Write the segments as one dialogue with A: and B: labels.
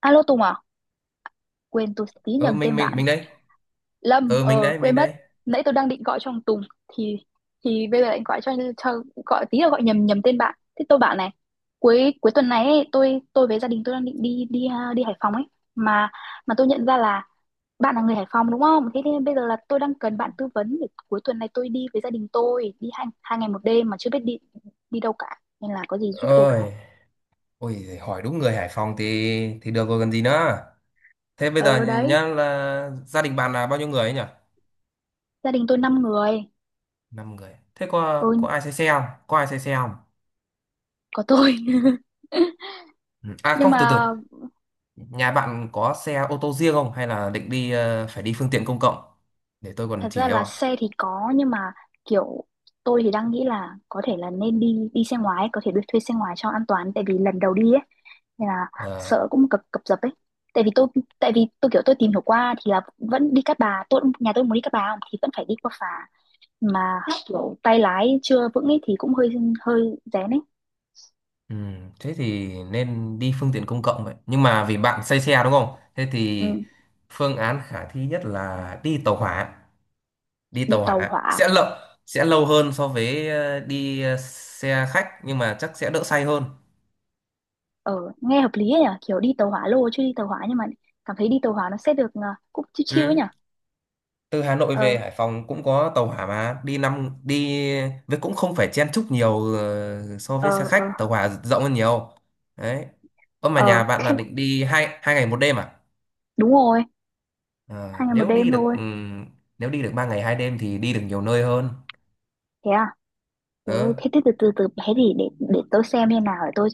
A: Alo Tùng à? Quên tôi tí
B: ờ
A: nhầm
B: mình
A: tên
B: mình
A: bạn.
B: mình đây.
A: Lâm,
B: Mình đấy,
A: quên
B: mình
A: mất.
B: đây.
A: Nãy tôi đang định gọi cho thằng Tùng thì thì bây giờ lại gọi cho gọi tí là gọi nhầm nhầm tên bạn. Thế tôi bảo này, cuối cuối tuần này ấy, tôi với gia đình tôi đang định đi đi à, đi Hải Phòng ấy, mà mà tôi nhận ra là bạn là người Hải Phòng đúng không? Thế nên bây giờ là tôi đang cần bạn tư vấn để cuối tuần này tôi đi với gia đình tôi đi hai hai ngày một đêm mà chưa biết đi đi đâu cả. Nên là có gì giúp tôi cái.
B: Ôi ôi hỏi đúng người Hải Phòng thì được rồi còn gì nữa. Thế bây giờ
A: Ờ đấy,
B: nhá, là gia đình bạn là bao nhiêu người ấy nhỉ?
A: gia đình tôi 5 người.
B: 5 người. Thế có
A: Ừ,
B: có ai xe xe không, có ai xe xe không?
A: có tôi.
B: Ừ.
A: Nhưng
B: Không, từ từ.
A: mà
B: Nhà bạn có xe ô tô riêng không hay là định đi, phải đi phương tiện công cộng để tôi còn
A: thật
B: chỉ
A: ra là
B: cho?
A: xe thì có nhưng mà kiểu tôi thì đang nghĩ là có thể là nên đi đi xe ngoài ấy, có thể được thuê xe ngoài cho an toàn tại vì lần đầu đi ấy nên là
B: Ờ,
A: sợ cũng cập cập dập ấy, tại vì tôi tại vì tôi kiểu tôi tìm hiểu qua thì là vẫn đi Cát Bà, tôi nhà tôi muốn đi Cát Bà không thì vẫn phải đi qua phà mà kiểu tay lái chưa vững ấy thì cũng hơi hơi rén ấy.
B: ừ, thế thì nên đi phương tiện công cộng vậy, nhưng mà vì bạn say xe đúng không, thế thì
A: Ừ,
B: phương án khả thi nhất là đi tàu hỏa. Đi
A: đi
B: tàu
A: tàu
B: hỏa sẽ
A: hỏa.
B: lâu, sẽ lâu hơn so với đi xe khách, nhưng mà chắc sẽ đỡ say hơn.
A: Ờ Nghe hợp lý ấy nhỉ, kiểu đi tàu hỏa lô chứ đi tàu hỏa nhưng mà cảm thấy đi tàu hỏa nó sẽ được cũng chill chill ấy
B: Ừ.
A: nhỉ.
B: Từ Hà Nội
A: Ờ,
B: về Hải Phòng cũng có tàu hỏa mà đi năm đi. Với cũng không phải chen chúc nhiều, so với xe
A: ờ, ờ.
B: khách tàu hỏa rộng hơn nhiều đấy. Ơ mà
A: Ờ,
B: nhà bạn là định đi hai hai ngày một đêm à?
A: đúng rồi, hai
B: Ờ,
A: ngày một
B: nếu
A: đêm
B: đi được,
A: thôi.
B: nếu đi được 3 ngày 2 đêm thì đi được nhiều nơi hơn.
A: Thế à? Thế,
B: Ờ,
A: thế, thế từ từ từ bé thì để tôi xem như nào để tôi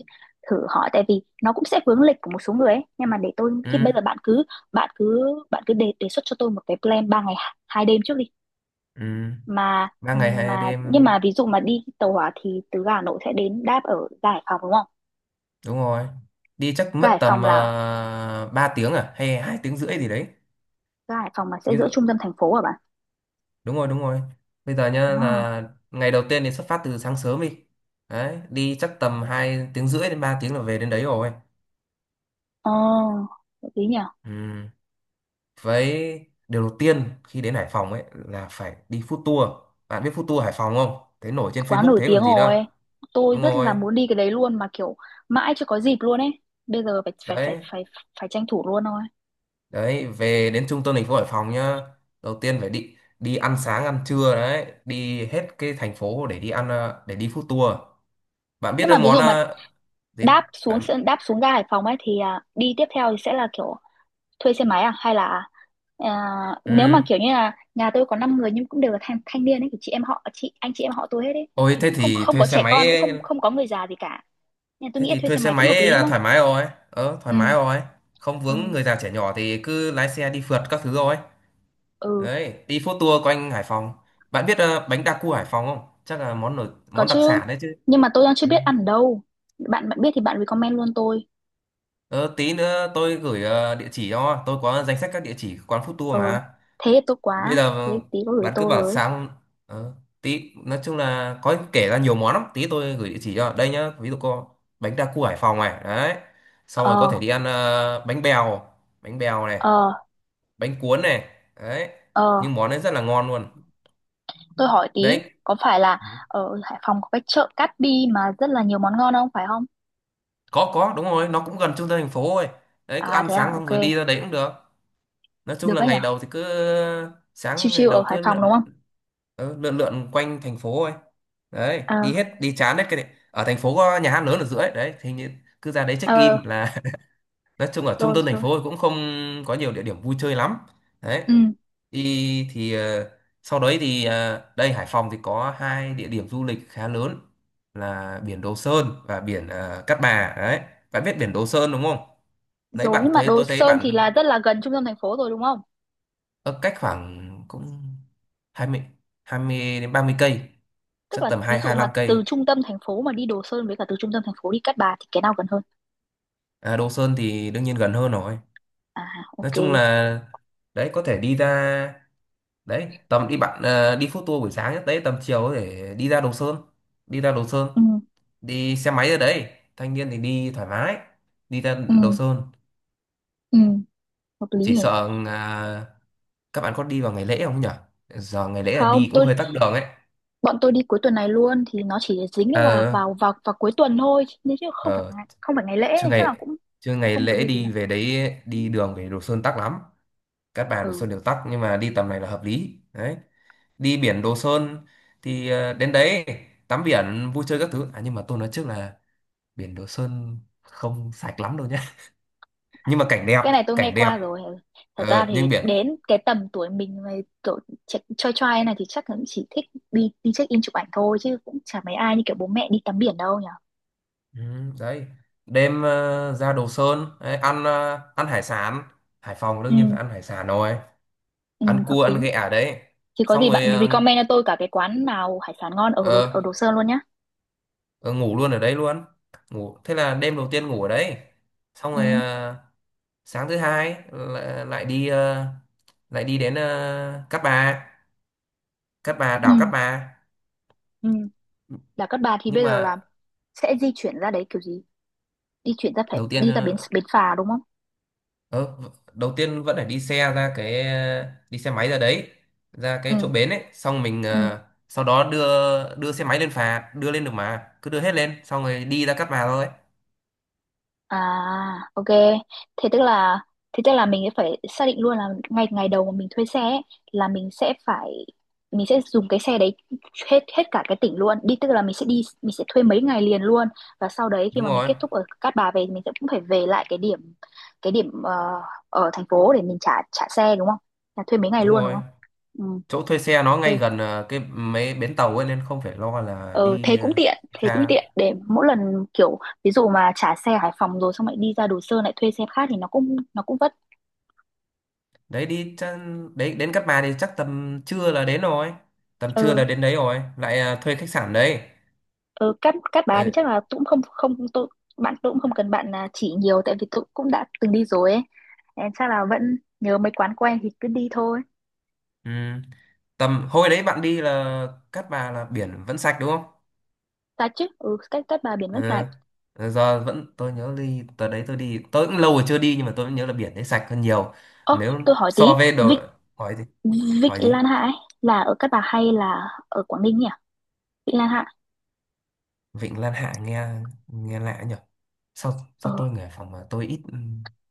A: thử hỏi tại vì nó cũng sẽ vướng lịch của một số người ấy. Nhưng mà để tôi thì
B: ừ,
A: bây giờ bạn cứ bạn cứ đề đề xuất cho tôi một cái plan ba ngày hai đêm trước đi.
B: ừ.
A: Mà
B: ba ngày hai
A: mà
B: đêm
A: nhưng mà ví dụ mà đi tàu hỏa thì từ ga Hà Nội sẽ đến đáp ở ga Hải Phòng đúng không?
B: Đúng rồi, đi chắc
A: Ga
B: mất
A: Hải
B: tầm
A: Phòng là
B: 3 tiếng à hay 2 tiếng rưỡi gì đấy.
A: Ga Hải Phòng mà sẽ
B: Ví
A: giữa
B: dụ.
A: trung tâm thành phố hả bạn?
B: Đúng rồi, đúng rồi. Bây giờ nhá
A: Ờ.
B: là ngày đầu tiên thì xuất phát từ sáng sớm đi. Đấy đi chắc tầm 2 tiếng rưỡi đến 3 tiếng là về đến đấy rồi.
A: Ờ, hợp lý nhỉ?
B: Ừ. Với điều đầu tiên khi đến Hải Phòng ấy là phải đi food tour. Bạn biết food tour Hải Phòng không, thấy nổi trên
A: Quá
B: Facebook
A: nổi
B: thế
A: tiếng
B: còn gì
A: rồi,
B: nữa.
A: tôi
B: Đúng
A: rất là
B: rồi
A: muốn đi cái đấy luôn mà kiểu mãi chưa có dịp luôn ấy, bây giờ phải phải phải
B: đấy.
A: phải phải tranh thủ luôn thôi.
B: Đấy về đến trung tâm thành phố Hải Phòng nhá. Đầu tiên phải đi đi ăn sáng ăn trưa, đấy đi hết cái thành phố để đi ăn, để đi food tour. Bạn biết
A: Nhưng
B: cái
A: mà ví
B: món,
A: dụ mà
B: gì
A: đáp xuống
B: bạn?
A: đáp xuống ga Hải Phòng ấy thì đi tiếp theo thì sẽ là kiểu thuê xe máy à hay là, à,
B: Ừ.
A: nếu mà kiểu như là nhà tôi có 5 người nhưng cũng đều là thanh thanh niên ấy thì chị em họ chị anh chị em họ tôi hết ấy
B: Ôi
A: thì
B: thế
A: cũng không
B: thì
A: không
B: thuê
A: có
B: xe
A: trẻ
B: máy.
A: con cũng không không có người già gì cả nên tôi
B: Thế
A: nghĩ là
B: thì
A: thuê
B: thuê
A: xe
B: xe
A: máy cũng hợp
B: máy
A: lý đúng
B: là
A: không.
B: thoải mái rồi,
A: Ừ,
B: thoải mái rồi. Không
A: ừ,
B: vướng người già trẻ nhỏ thì cứ lái xe đi phượt các thứ rồi.
A: ừ.
B: Đấy đi food tour quanh Hải Phòng. Bạn biết, bánh đa cua Hải Phòng không, chắc là món nổi,
A: Có
B: món
A: chứ,
B: đặc sản đấy chứ?
A: nhưng mà tôi đang chưa
B: Ừ.
A: biết ăn ở đâu. Bạn bạn biết thì bạn recommend luôn tôi.
B: Ờ, tí nữa tôi gửi, địa chỉ, cho tôi có danh sách các địa chỉ quán food
A: Ờ,
B: tour mà.
A: thế thì tốt
B: Bây
A: quá.
B: giờ
A: Thế tí có gửi
B: bạn cứ
A: tôi
B: bảo
A: rồi.
B: sáng, ờ, tí nói chung là có kể ra nhiều món lắm, tí tôi gửi địa chỉ cho đây nhá, ví dụ có: bánh đa cua Hải Phòng này đấy. Xong rồi có
A: Ờ,
B: thể đi ăn, bánh bèo, bánh bèo này,
A: ờ,
B: bánh cuốn này đấy.
A: ờ.
B: Nhưng món đấy rất là ngon luôn.
A: Tôi hỏi tí,
B: Đấy.
A: có phải là ở Hải Phòng có cái chợ Cát Bi mà rất là nhiều món ngon không, phải không?
B: Có, đúng rồi, nó cũng gần trung tâm thành phố thôi. Đấy cứ
A: À
B: ăn
A: thế à,
B: sáng xong
A: ok.
B: rồi đi ra đấy cũng được. Nói chung
A: Được
B: là
A: đấy
B: ngày
A: nhở?
B: đầu thì cứ,
A: Chill
B: sáng ngày
A: chill
B: đầu
A: ở Hải
B: cứ
A: Phòng đúng
B: lượn.
A: không?
B: Ừ, lượn lượn quanh thành phố ấy. Đấy
A: Ờ,
B: đi hết, đi chán hết cái này. Ở thành phố có nhà hát lớn ở giữa ấy, đấy thì như cứ ra đấy check
A: ờ,
B: in là. Nói chung ở trung
A: rồi,
B: tâm thành
A: rồi.
B: phố thì cũng không có nhiều địa điểm vui chơi lắm. Đấy
A: Ừ,
B: đi thì, sau đấy thì, đây Hải Phòng thì có hai địa điểm du lịch khá lớn, là biển Đồ Sơn và biển, Cát Bà đấy. Bạn biết biển Đồ Sơn đúng không? Nãy
A: rồi.
B: bạn
A: Nhưng mà
B: thấy,
A: Đồ
B: tôi thấy
A: Sơn
B: bạn
A: thì là rất là gần trung tâm thành phố rồi đúng không?
B: ở cách khoảng cũng hai mươi 20 đến 30 cây.
A: Tức
B: Chắc
A: là
B: tầm
A: ví dụ
B: 2
A: mà
B: lăm
A: từ
B: cây
A: trung tâm thành phố mà đi Đồ Sơn với cả từ trung tâm thành phố đi Cát Bà thì cái nào gần hơn?
B: À, Đồ Sơn thì đương nhiên gần hơn rồi.
A: À,
B: Nói
A: ok.
B: chung là đấy có thể đi ra đấy, tầm đi bạn, đi food tour buổi sáng nhất đấy, tầm chiều có thể đi ra Đồ Sơn, đi ra Đồ Sơn.
A: Ừ.
B: Đi xe máy ở đấy, thanh niên thì đi thoải mái, đi ra
A: Ừ,
B: Đồ Sơn.
A: ừ, hợp lý
B: Chỉ
A: nhỉ?
B: sợ, các bạn có đi vào ngày lễ không nhỉ? Giờ ngày lễ là
A: Không,
B: đi cũng hơi tắc đường ấy.
A: bọn tôi đi cuối tuần này luôn thì nó chỉ dính vào
B: ờ
A: vào vào vào cuối tuần thôi nên chứ không phải
B: ờ
A: ngày, không phải ngày lễ
B: chưa
A: nên chắc là
B: ngày
A: cũng
B: Chưa ngày
A: không vấn
B: lễ,
A: đề gì
B: đi
A: lắm.
B: về đấy, đi đường về Đồ Sơn tắc lắm. Cát Bà Đồ
A: Ừ.
B: Sơn đều tắc nhưng mà đi tầm này là hợp lý đấy. Đi biển Đồ Sơn thì, đến đấy tắm biển vui chơi các thứ, à nhưng mà tôi nói trước là biển Đồ Sơn không sạch lắm đâu nhé.
A: À,
B: Nhưng mà cảnh đẹp,
A: cái này tôi nghe
B: cảnh đẹp,
A: qua rồi. Ừ. Thật ra thì
B: nhưng biển.
A: đến cái tầm tuổi mình mà kiểu choi choai này thì chắc là cũng chỉ thích đi đi check in chụp ảnh thôi chứ cũng chả mấy ai như kiểu bố mẹ đi tắm biển đâu nhỉ.
B: Ừ, đấy đêm, ra Đồ Sơn đấy, ăn, ăn hải sản. Hải Phòng đương
A: Ừ,
B: nhiên phải ăn hải sản rồi.
A: ừ,
B: Ăn
A: hợp
B: cua ăn
A: lý.
B: ghẹ ở đấy.
A: Thì có
B: Xong
A: gì
B: rồi,
A: bạn recommend cho tôi cả cái quán nào hải sản ngon ở ở
B: ờ,
A: Đồ Sơn luôn nhá.
B: ờ, ngủ luôn ở đấy luôn. Ngủ, thế là đêm đầu tiên ngủ ở đấy. Xong
A: Ừ,
B: rồi, sáng thứ hai lại đi, đến, Cát Bà. Cát Bà,
A: ừ,
B: đảo Cát Bà.
A: ừ. Là các bà thì
B: Nhưng
A: bây giờ là
B: mà
A: sẽ di chuyển ra đấy kiểu gì, di chuyển ra phải
B: đầu tiên,
A: đi ra bến bến phà đúng không.
B: ờ, đầu tiên vẫn phải đi xe ra cái, đi xe máy ra đấy. Ra cái chỗ
A: Ừ,
B: bến ấy, xong mình,
A: ừ,
B: sau đó đưa. Đưa xe máy lên phà, đưa lên được mà cứ đưa hết lên, xong rồi đi ra Cát Bà thôi.
A: à, ok. Thế tức là thế tức là mình sẽ phải xác định luôn là ngày ngày đầu mà mình thuê xe ấy, là mình sẽ phải mình sẽ dùng cái xe đấy hết hết cả cái tỉnh luôn đi, tức là mình sẽ thuê mấy ngày liền luôn, và sau đấy khi
B: Đúng
A: mà mình
B: rồi,
A: kết thúc ở Cát Bà về thì mình sẽ cũng phải về lại cái điểm ở thành phố để mình trả trả xe đúng không, là thuê mấy ngày
B: đúng
A: luôn đúng
B: rồi.
A: không. Ừ,
B: Chỗ thuê xe nó ngay
A: ok.
B: gần, cái mấy bến tàu ấy nên không phải lo là
A: Ờ,
B: đi,
A: thế cũng
B: xa.
A: tiện để mỗi lần kiểu ví dụ mà trả xe Hải Phòng rồi xong lại đi ra Đồ Sơn lại thuê xe khác thì nó cũng vất.
B: đấy đi chắc, Đấy đến Cát Bà thì chắc tầm trưa là đến rồi. Tầm
A: Ờ,
B: trưa là đến đấy rồi, lại, thuê khách sạn đấy,
A: ờ, Cát Cát Bà thì
B: đấy.
A: chắc là tôi cũng không không bạn tôi cũng không cần bạn chỉ nhiều tại vì tôi cũng đã từng đi rồi ấy. Em chắc là vẫn nhớ mấy quán quen thì cứ đi thôi.
B: Ừ. Tầm hồi đấy bạn đi là Cát Bà là biển vẫn sạch đúng không?
A: Ta chứ, ừ, Cát Cát Bà biển vẫn sạch.
B: Ừ. Ờ, giờ vẫn tôi nhớ, đi tới đấy, tôi đi tôi cũng lâu rồi chưa đi, nhưng mà tôi vẫn nhớ là biển đấy sạch hơn nhiều.
A: Ơ,
B: Nếu
A: tôi hỏi tí,
B: so với đồ.
A: Vịnh
B: Hỏi gì?
A: Vịnh
B: Hỏi gì?
A: Lan Hạ ấy, là ở Cát Bà hay là ở Quảng Ninh nhỉ? Vịnh Lan Hạ.
B: Vịnh Lan Hạ nghe nghe lạ nhỉ. Sao
A: Ờ,
B: Sao tôi người Hải Phòng mà tôi ít.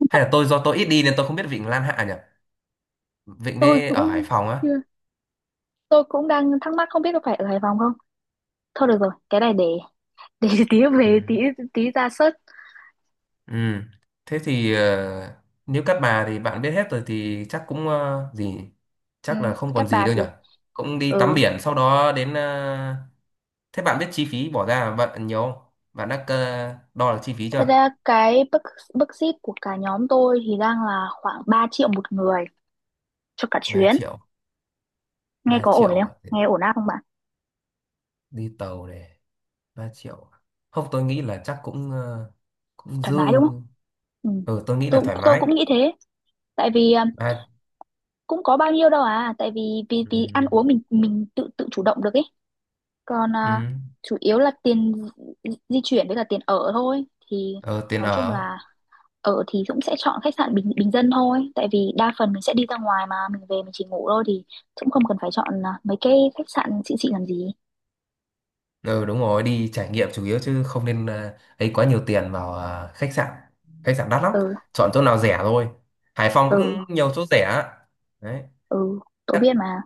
B: Hay là tôi, do tôi ít đi nên tôi không biết Vịnh Lan Hạ nhỉ? Vịnh
A: tôi
B: đấy ở Hải
A: cũng
B: Phòng á?
A: chưa- tôi cũng đang thắc mắc không biết có phải ở Hải Phòng không? Thôi được rồi, cái này để tí
B: Ừ.
A: về tí tí ra search.
B: Ừ. Thế thì, nếu các bà thì bạn biết hết rồi thì chắc cũng, gì.
A: Ừ,
B: Chắc là không
A: các
B: còn gì
A: bà
B: đâu
A: thì
B: nhỉ. Cũng đi tắm
A: ừ,
B: biển sau đó đến, thế bạn biết chi phí bỏ ra bạn nhiều không? Bạn đã, đo được chi phí
A: thế
B: chưa?
A: ra cái budget budget của cả nhóm tôi thì đang là khoảng 3 triệu 1 người cho cả
B: ba
A: chuyến.
B: triệu
A: Nghe
B: ba
A: có ổn
B: triệu
A: không?
B: à? Để
A: Nghe ổn áp không bạn?
B: đi tàu này, 3 triệu à? Không, tôi nghĩ là chắc cũng, cũng
A: Thoải
B: dư.
A: mái đúng không? Ừ.
B: Ừ, tôi nghĩ là
A: Tôi
B: thoải
A: tôi
B: mái.
A: cũng nghĩ thế, tại vì
B: Ba.
A: cũng có bao nhiêu đâu tại vì vì
B: Ừ.
A: vì ăn uống mình tự tự chủ động được ấy. Còn
B: Ừ.
A: chủ yếu là tiền di di chuyển với cả tiền ở thôi thì
B: Ờ, tiền
A: nói chung
B: ở.
A: là ở thì cũng sẽ chọn khách sạn bình bình dân thôi, tại vì đa phần mình sẽ đi ra ngoài mà mình về mình chỉ ngủ thôi thì cũng không cần phải chọn mấy cái khách sạn xịn xịn làm gì.
B: Ừ, đúng rồi, đi trải nghiệm chủ yếu chứ không nên, ấy quá nhiều tiền vào, khách sạn. Khách sạn đắt lắm.
A: Ừ,
B: Chọn chỗ nào rẻ thôi. Hải Phòng
A: ừ,
B: cũng nhiều chỗ rẻ á. Đấy.
A: ừ, tôi
B: Cát,
A: biết mà.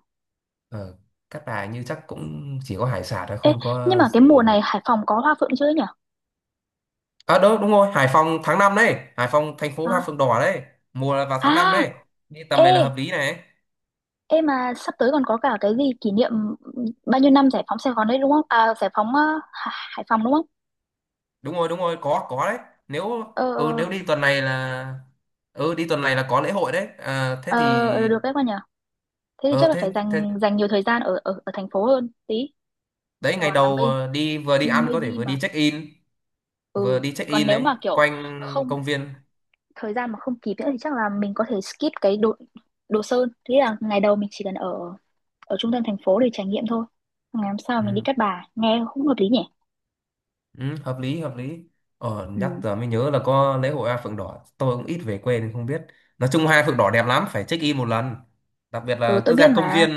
B: ờ, Cát Bà như chắc cũng chỉ có hải sản thôi
A: Ê,
B: không
A: nhưng
B: có
A: mà cái
B: gì.
A: mùa này Hải Phòng có hoa phượng chưa nhỉ?
B: À, đúng đúng rồi, Hải Phòng tháng 5 đấy, Hải Phòng thành phố hoa
A: À,
B: phượng đỏ đấy. Mùa là vào tháng 5
A: à,
B: đấy. Đi tầm
A: ê.
B: này là hợp lý này.
A: Ê, mà sắp tới còn có cả cái gì kỷ niệm bao nhiêu năm giải phóng Sài Gòn đấy đúng không, giải phóng Hải Phòng đúng không?
B: Đúng rồi, đúng rồi, có đấy. nếu
A: Ờ,
B: ừ,
A: ờ,
B: nếu đi tuần này là. Ừ, đi tuần này là có lễ hội đấy, thế
A: ờ,
B: thì.
A: ờ, được đấy con nhỉ. Thế thì
B: Ờ
A: chắc là
B: thế
A: phải
B: thế
A: dành dành nhiều thời gian ở ở thành phố hơn tí.
B: Đấy ngày
A: Còn là
B: đầu, đi vừa đi ăn có
A: maybe
B: thể vừa
A: mà,
B: đi check in. Vừa
A: ừ,
B: đi check
A: còn
B: in
A: nếu
B: ấy,
A: mà kiểu
B: quanh
A: không,
B: công viên.
A: thời gian mà không kịp nữa thì chắc là mình có thể skip cái đồ đồ sơn, thế là ngày đầu mình chỉ cần ở ở trung tâm thành phố để trải nghiệm thôi, ngày hôm sau
B: Ừ.
A: mình đi Cát Bà nghe cũng hợp lý nhỉ.
B: Ừ, hợp lý, hợp lý. Nhắc
A: Ừ,
B: giờ mới nhớ là có lễ hội hoa phượng đỏ, tôi cũng ít về quê nên không biết. Nói chung hoa phượng đỏ đẹp lắm, phải check in một lần. Đặc biệt
A: ừ,
B: là
A: tôi
B: cứ
A: biết
B: ra công
A: mà.
B: viên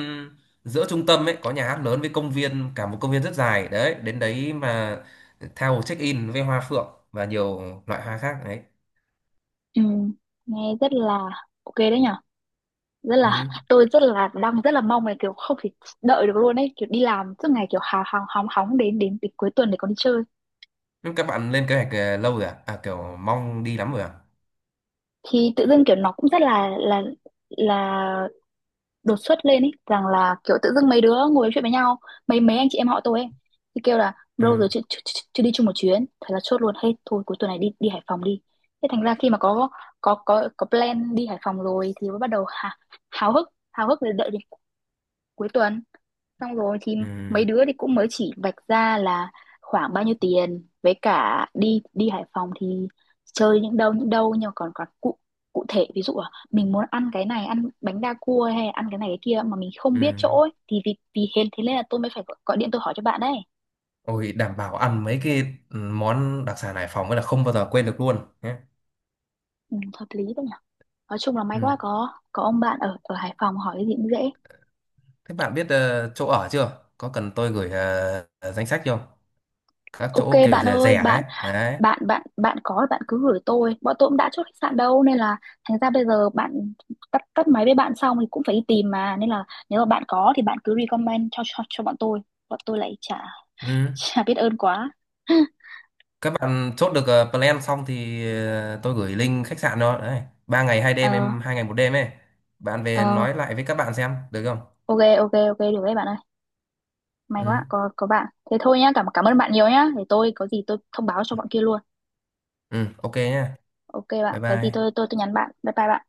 B: giữa trung tâm ấy, có nhà hát lớn với công viên, cả một công viên rất dài đấy, đến đấy mà theo check in với hoa phượng và nhiều loại hoa khác đấy.
A: Ừ, nghe rất là ok đấy nhở, rất là,
B: Ừ.
A: tôi rất là đang rất là mong là kiểu không thể đợi được luôn ấy, kiểu đi làm suốt ngày kiểu hào hào hóng hóng đến đến đến cuối tuần để còn đi chơi
B: Nhưng các bạn lên kế hoạch, lâu rồi à? Kiểu mong đi lắm rồi à?
A: thì tự dưng kiểu nó cũng rất là đột xuất, lên ý rằng là kiểu tự dưng mấy đứa ngồi nói chuyện với nhau, mấy mấy anh chị em họ tôi ấy thì kêu là bro
B: Ừ.
A: rồi chưa, chưa, chưa, chưa đi chung một chuyến, thế là chốt luôn hết thôi, cuối tuần này đi đi Hải Phòng đi. Thế thành ra khi mà có plan đi Hải Phòng rồi thì mới bắt đầu háo hức để đợi đến cuối tuần, xong rồi thì
B: Ừ.
A: mấy đứa thì cũng mới chỉ vạch ra là khoảng bao nhiêu tiền với cả đi đi Hải Phòng thì chơi những đâu những đâu, nhưng mà còn còn cụ cụ thể ví dụ là mình muốn ăn cái này, ăn bánh đa cua hay ăn cái này cái kia mà mình không
B: Ừ.
A: biết chỗ ấy, thì vì vì hên thế nên là tôi mới phải gọi điện tôi hỏi cho bạn đấy.
B: Ôi đảm bảo ăn mấy cái, món đặc sản Hải Phòng ấy là không bao giờ quên được luôn nhé.
A: Ừ, hợp lý đấy nhỉ, nói chung là may
B: Ừ.
A: quá có ông bạn ở ở Hải Phòng hỏi cái gì cũng dễ.
B: Thế bạn biết, chỗ ở chưa? Có cần tôi gửi, danh sách không? Các chỗ
A: Ok
B: kiểu
A: bạn
B: rẻ
A: ơi,
B: rẻ ấy.
A: bạn
B: Đấy.
A: bạn bạn bạn có, bạn cứ gửi tôi, bọn tôi cũng đã chốt khách sạn đâu nên là thành ra bây giờ bạn tắt tắt máy với bạn xong thì cũng phải đi tìm mà, nên là nếu mà bạn có thì bạn cứ recommend cho bọn tôi, bọn tôi lại chả
B: Ừ.
A: chả biết ơn quá.
B: Các bạn chốt được, plan xong thì, tôi gửi link khách sạn đó. Đấy. Ba ngày hai
A: Ờ,
B: đêm em 2 ngày 1 đêm ấy. Bạn về nói
A: ờ,
B: lại với các bạn xem được không?
A: ok, ok, ok, được đấy bạn ơi, may quá
B: Ừ.
A: có bạn. Thế thôi nhá, cảm cảm ơn bạn nhiều nhá, để tôi có gì tôi thông báo cho bọn kia luôn.
B: Ừ. Ok nhá.
A: Ok
B: Bye
A: bạn, có gì
B: bye.
A: tôi nhắn bạn. Bye bye bạn.